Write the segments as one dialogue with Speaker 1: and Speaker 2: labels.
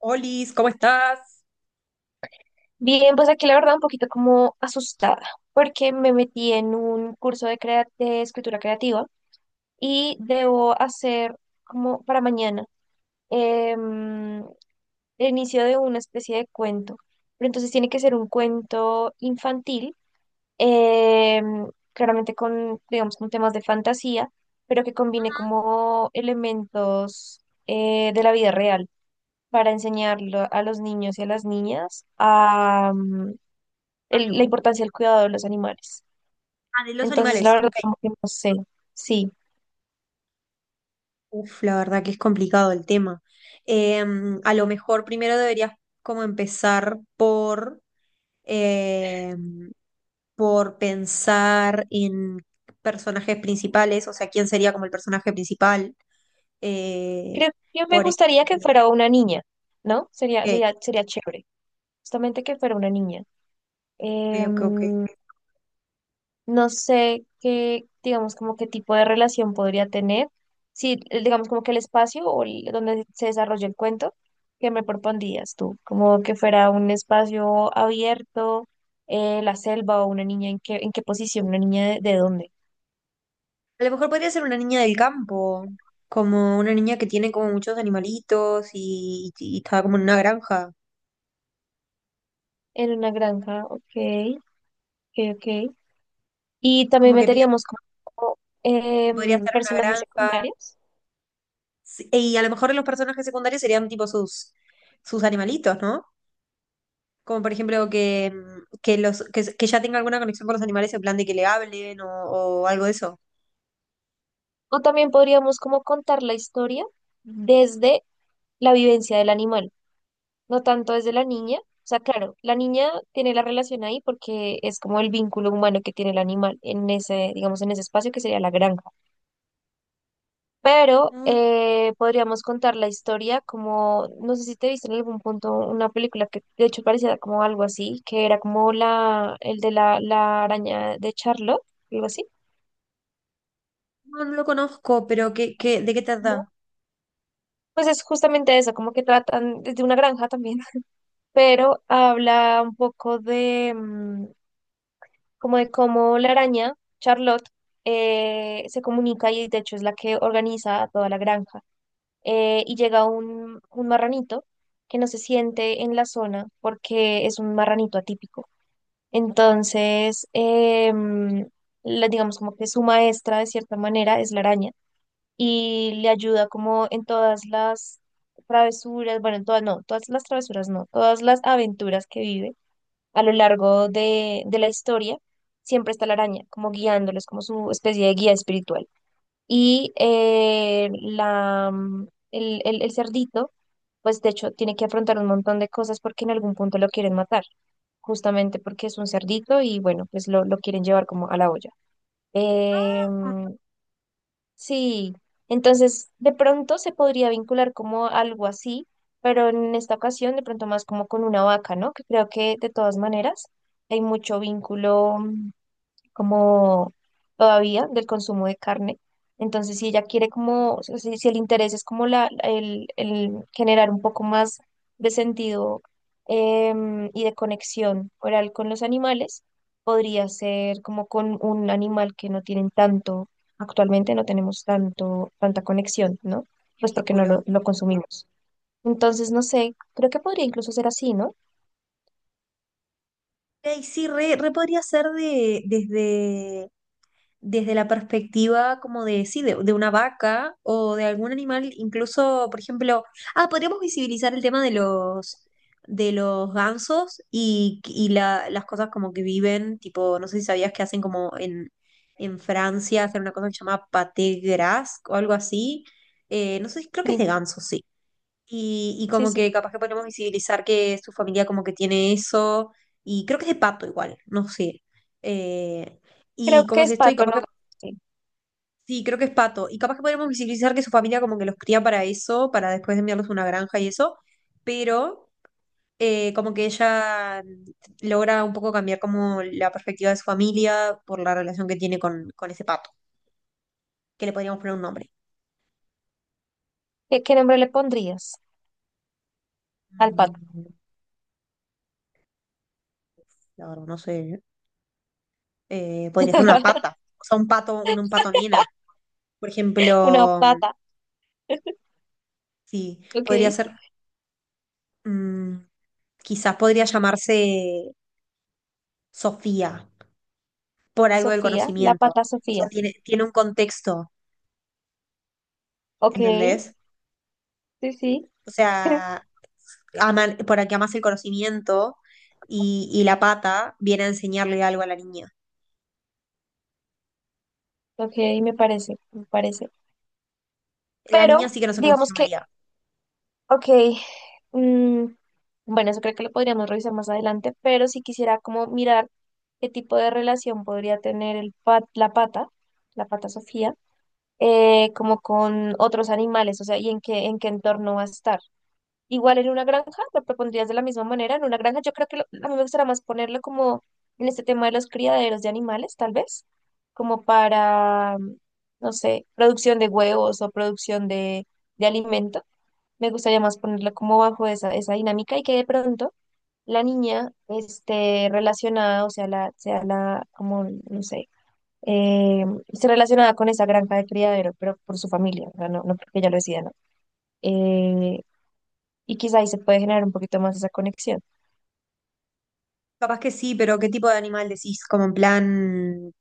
Speaker 1: Olis, ¿cómo estás?
Speaker 2: Bien, pues aquí la verdad un poquito como asustada, porque me metí en un curso de, de escritura creativa y debo hacer como para mañana em, el inicio de una especie de cuento, pero entonces tiene que ser un cuento infantil, em, claramente con, digamos, con temas de fantasía, pero que combine como elementos de la vida real para enseñarlo a los niños y a las niñas la
Speaker 1: Algo.
Speaker 2: importancia del cuidado de los animales.
Speaker 1: Ah, de los
Speaker 2: Entonces, la
Speaker 1: animales.
Speaker 2: verdad,
Speaker 1: Ok.
Speaker 2: como que no sé. Sí,
Speaker 1: Uf, la verdad que es complicado el tema. A lo mejor primero deberías como empezar por, em, por pensar en personajes principales, o sea, quién sería como el personaje principal. eh,
Speaker 2: creo que me
Speaker 1: por
Speaker 2: gustaría que
Speaker 1: ejemplo,
Speaker 2: fuera una niña, ¿no? Sería,
Speaker 1: ok,
Speaker 2: sería, sería chévere, justamente que fuera una niña.
Speaker 1: ok.
Speaker 2: Em, no sé qué, digamos, como qué tipo de relación podría tener. Sí, digamos, como que el espacio o donde se desarrolla el cuento, ¿qué me propondrías tú? Como que fuera un espacio abierto, la selva o una niña, en qué posición? ¿Una niña de dónde?
Speaker 1: A lo mejor podría ser una niña del campo, como una niña que tiene como muchos animalitos y está como en una granja.
Speaker 2: En una granja, ok. Ok, ok. Y también
Speaker 1: Como que piensan
Speaker 2: meteríamos como
Speaker 1: que podría estar en una
Speaker 2: personajes
Speaker 1: granja.
Speaker 2: secundarios.
Speaker 1: Sí, y a lo mejor los personajes secundarios serían tipo sus animalitos, ¿no? Como por ejemplo que, mm, que, los, que ya tenga alguna conexión con los animales en plan de que le hablen o algo de eso.
Speaker 2: O también podríamos como contar la historia desde la vivencia del animal, no tanto desde la niña. O sea, claro, la niña tiene la relación ahí porque es como el vínculo humano que tiene el animal en ese, digamos, en ese espacio que sería la granja. Pero
Speaker 1: Mm.
Speaker 2: podríamos contar la historia como, no sé si te viste en algún punto una película que de hecho parecía como algo así, que era como la araña de Charlotte, algo así.
Speaker 1: No, no lo conozco, pero ¿de qué
Speaker 2: ¿No?
Speaker 1: trata?
Speaker 2: Pues es justamente eso, como que tratan desde una granja también, pero habla un poco de como de cómo la araña, Charlotte, se comunica y de hecho es la que organiza a toda la granja. Y llega un marranito que no se siente en la zona porque es un marranito atípico. Entonces, digamos como que su maestra de cierta manera es la araña y le ayuda como en todas las travesuras, bueno, en todas, no, todas las travesuras no, todas las aventuras que vive a lo largo de la historia, siempre está la araña como guiándolos como su especie de guía espiritual. Y la, mm, el cerdito, pues de hecho, tiene que afrontar un montón de cosas porque en algún punto lo quieren matar, justamente porque es un cerdito y bueno, pues lo quieren llevar como a la olla.
Speaker 1: Mm.
Speaker 2: Em, sí, entonces de pronto se podría vincular como algo así, pero en esta ocasión de pronto más como con una vaca, ¿no? Que creo que de todas maneras hay mucho vínculo como todavía del consumo de carne. Entonces, si ella quiere como, o sea, si, el interés es como el generar un poco más de sentido y de conexión oral con los animales, podría ser como con un animal que no tienen tanto, actualmente no tenemos tanto, tanta conexión, ¿no?
Speaker 1: ¿Qué
Speaker 2: Pues porque no
Speaker 1: vínculo?
Speaker 2: lo consumimos. Entonces, no sé, creo que podría incluso ser así, ¿no?
Speaker 1: Ey, sí, re podría ser desde, desde la perspectiva como de, sí, de una vaca o de algún animal, incluso, por ejemplo, ah, podríamos visibilizar el tema de los gansos y las cosas como que viven, tipo, no sé si sabías que hacen como en Francia, hacen una cosa que se llama pâté gras o algo así. No sé, creo que es
Speaker 2: Sí,
Speaker 1: de gansos, sí. Y
Speaker 2: sí,
Speaker 1: como
Speaker 2: sí.
Speaker 1: que capaz que podemos visibilizar que su familia como que tiene eso, y creo que es de pato igual, no sé. Eh,
Speaker 2: Creo
Speaker 1: y
Speaker 2: que
Speaker 1: como si
Speaker 2: es
Speaker 1: estoy
Speaker 2: pato,
Speaker 1: capaz
Speaker 2: ¿no?
Speaker 1: que
Speaker 2: Sí.
Speaker 1: sí, creo que es pato. Y capaz que podríamos visibilizar que su familia como que los cría para eso, para después enviarlos a una granja y eso, pero como que ella logra un poco cambiar como la perspectiva de su familia por la relación que tiene con ese pato, que le podríamos poner un nombre.
Speaker 2: ¿Qué, qué nombre le pondrías al pato?
Speaker 1: Mm, la verdad, no sé. Podría ser una pata, o sea, un pato, un pato nena. Por
Speaker 2: Una
Speaker 1: ejemplo,
Speaker 2: pata,
Speaker 1: sí,
Speaker 2: ok.
Speaker 1: podría ser, mm, quizás podría llamarse Sofía. Por algo del
Speaker 2: Sofía, la
Speaker 1: conocimiento.
Speaker 2: pata
Speaker 1: O sea,
Speaker 2: Sofía,
Speaker 1: tiene un contexto,
Speaker 2: ok.
Speaker 1: ¿entendés?
Speaker 2: Sí, sí,
Speaker 1: O sea, aman, por aquí amas el conocimiento y la pata viene a enseñarle algo a la niña.
Speaker 2: ok, me parece, me parece.
Speaker 1: La niña
Speaker 2: Pero,
Speaker 1: sí que no sé cómo se
Speaker 2: digamos que,
Speaker 1: llamaría.
Speaker 2: ok, mm, bueno, eso creo que lo podríamos revisar más adelante, pero si quisiera como mirar qué tipo de relación podría tener el la pata Sofía, como con otros animales, o sea, y en qué entorno va a estar. Igual en una granja, lo propondrías de la misma manera. En una granja, yo creo que a mí me gustaría más ponerlo como en este tema de los criaderos de animales, tal vez, como para, no sé, producción de huevos o producción de alimento. Me gustaría más ponerlo como bajo esa, esa dinámica y que de pronto la niña esté relacionada, o sea, sea la, como, no sé, esté relacionada con esa granja de criadero, pero por su familia, o sea, no, no porque ella lo decida, ¿no? Eh, y quizá ahí se puede generar un poquito más esa conexión.
Speaker 1: Capaz que sí, pero ¿qué tipo de animal decís? ¿Como en plan,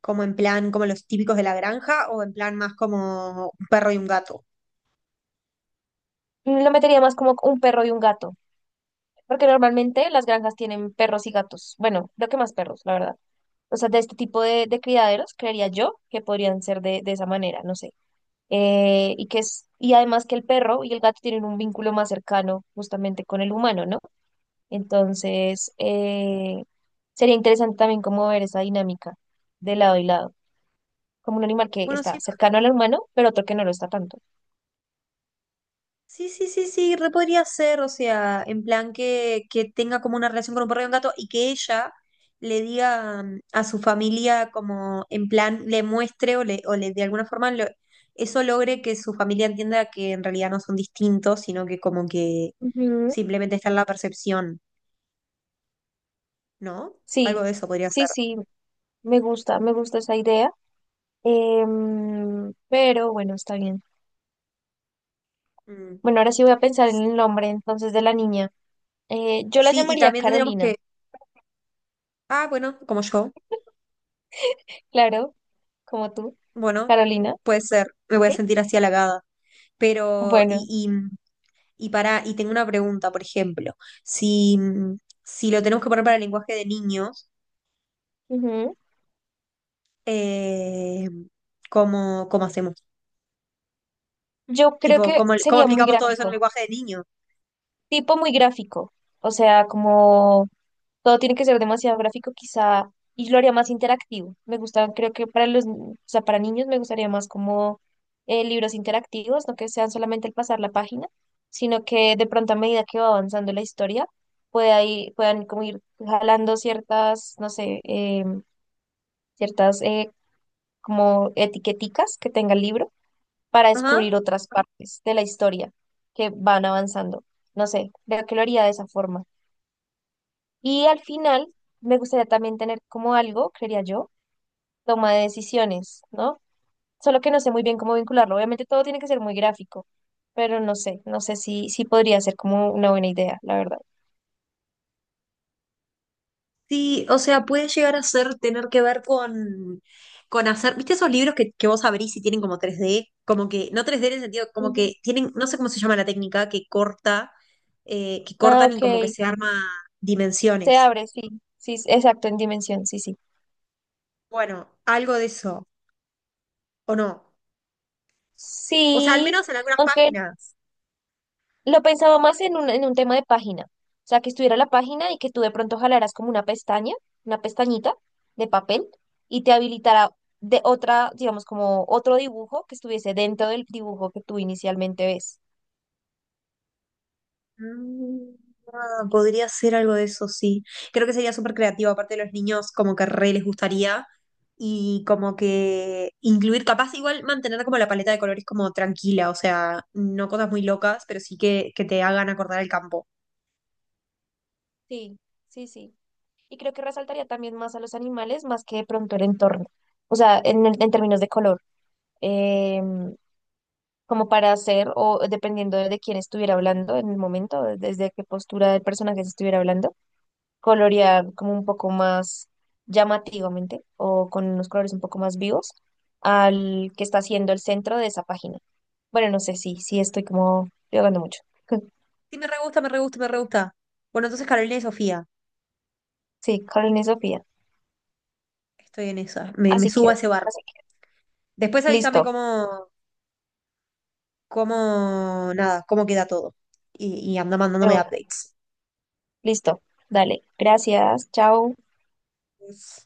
Speaker 1: como los típicos de la granja o en plan más como un perro y un gato?
Speaker 2: Lo metería más como un perro y un gato, porque normalmente las granjas tienen perros y gatos. Bueno, creo que más perros, la verdad. O sea, de este tipo de criaderos, creería yo que podrían ser de esa manera, no sé. Y que es, y además que el perro y el gato tienen un vínculo más cercano justamente con el humano, ¿no? Entonces, sería interesante también como ver esa dinámica de lado y lado, como un animal que
Speaker 1: Bueno,
Speaker 2: está
Speaker 1: sí,
Speaker 2: cercano al humano, pero otro que no lo está tanto.
Speaker 1: Sí, re podría ser, o sea, en plan que tenga como una relación con un perro y un gato y que ella le diga mm, a su familia como en plan le muestre o le de alguna forma lo- eso logre que su familia entienda que en realidad no son distintos, sino que como que
Speaker 2: Ujú.
Speaker 1: simplemente está en la percepción, ¿no? Algo
Speaker 2: Sí,
Speaker 1: de eso podría
Speaker 2: sí,
Speaker 1: ser.
Speaker 2: sí, me gusta esa idea. Pero bueno, está bien.
Speaker 1: Mm.
Speaker 2: Bueno, ahora sí voy a pensar en el nombre entonces de la niña. Yo la
Speaker 1: Sí, y
Speaker 2: llamaría
Speaker 1: también tendríamos
Speaker 2: Carolina,
Speaker 1: que, ah, bueno, como yo,
Speaker 2: claro, como tú,
Speaker 1: bueno,
Speaker 2: Carolina.
Speaker 1: puede ser, me voy a
Speaker 2: ¿Sí?
Speaker 1: sentir así halagada. Pero,
Speaker 2: Bueno,
Speaker 1: y para, y tengo una pregunta, por ejemplo, si, mm, si lo tenemos que poner para el lenguaje de niños,
Speaker 2: ujú.
Speaker 1: eh, ¿cómo hacemos?
Speaker 2: Yo creo
Speaker 1: Tipo,
Speaker 2: que
Speaker 1: ¿cómo
Speaker 2: sería muy
Speaker 1: explicamos todo eso en un
Speaker 2: gráfico,
Speaker 1: lenguaje de niños?
Speaker 2: tipo muy gráfico, o sea, como todo tiene que ser demasiado gráfico, quizá, y lo haría más interactivo. Me gusta, creo que para los, o sea, para niños me gustaría más como libros interactivos, no que sean solamente el pasar la página, sino que de pronto a medida que va avanzando la historia, puedan como ir jalando ciertas, no sé, ciertas como etiqueticas que tenga el libro para
Speaker 1: Ajá.
Speaker 2: descubrir otras partes de la historia que van avanzando. No sé, creo que lo haría de esa forma. Y al final, me gustaría también tener como algo, creería yo, toma de decisiones, ¿no? Solo que no sé muy bien cómo vincularlo. Obviamente todo tiene que ser muy gráfico, pero no sé, no sé si, si podría ser como una buena idea, la verdad.
Speaker 1: Sí, o sea, puede llegar a ser tener que ver con hacer, ¿viste esos libros que vos abrís y tienen como tres d? Como que, no tres d en el sentido, como
Speaker 2: Ujú.
Speaker 1: que tienen, no sé cómo se llama la técnica, que corta, que
Speaker 2: Ah,
Speaker 1: cortan y
Speaker 2: ok.
Speaker 1: como que se arma
Speaker 2: Se
Speaker 1: dimensiones.
Speaker 2: abre, sí. Sí, exacto, en dimensión, sí, sí.
Speaker 1: Bueno, algo de eso, ¿o no? O sea, al
Speaker 2: Sí,
Speaker 1: menos en algunas
Speaker 2: aunque
Speaker 1: páginas.
Speaker 2: lo pensaba más en un tema de página. O sea, que estuviera la página y que tú de pronto jalaras como una pestaña, una pestañita de papel y te habilitara de otra, digamos, como otro dibujo que estuviese dentro del dibujo que tú inicialmente ves.
Speaker 1: Mm, ah, podría ser algo de eso, sí. Creo que sería súper creativo, aparte de los niños, como que re les gustaría. Y como que incluir, capaz igual mantener como la paleta de colores como tranquila, o sea, no cosas muy locas, pero sí que te hagan acordar el campo.
Speaker 2: Sí, sí, sí. Y creo que resaltaría también más a los animales más que de pronto el entorno. O sea, en términos de color. Em, como para hacer, o dependiendo de quién estuviera hablando en el momento, desde qué postura del personaje se estuviera hablando colorear como un poco más llamativamente o con unos colores un poco más vivos al que está siendo el centro de esa página. Bueno, no sé si sí, sí estoy como divagando mucho.
Speaker 1: Sí, me re gusta, me re gusta. Bueno, entonces Carolina y Sofía,
Speaker 2: Sí, Karen y Sofía.
Speaker 1: estoy en esa, me
Speaker 2: Así
Speaker 1: subo a
Speaker 2: queda,
Speaker 1: ese
Speaker 2: así
Speaker 1: barco.
Speaker 2: queda.
Speaker 1: Después avísame
Speaker 2: Listo,
Speaker 1: nada, cómo queda todo. Y anda
Speaker 2: de
Speaker 1: mandándome
Speaker 2: una,
Speaker 1: updates.
Speaker 2: listo. Dale, gracias, chao.
Speaker 1: Yes.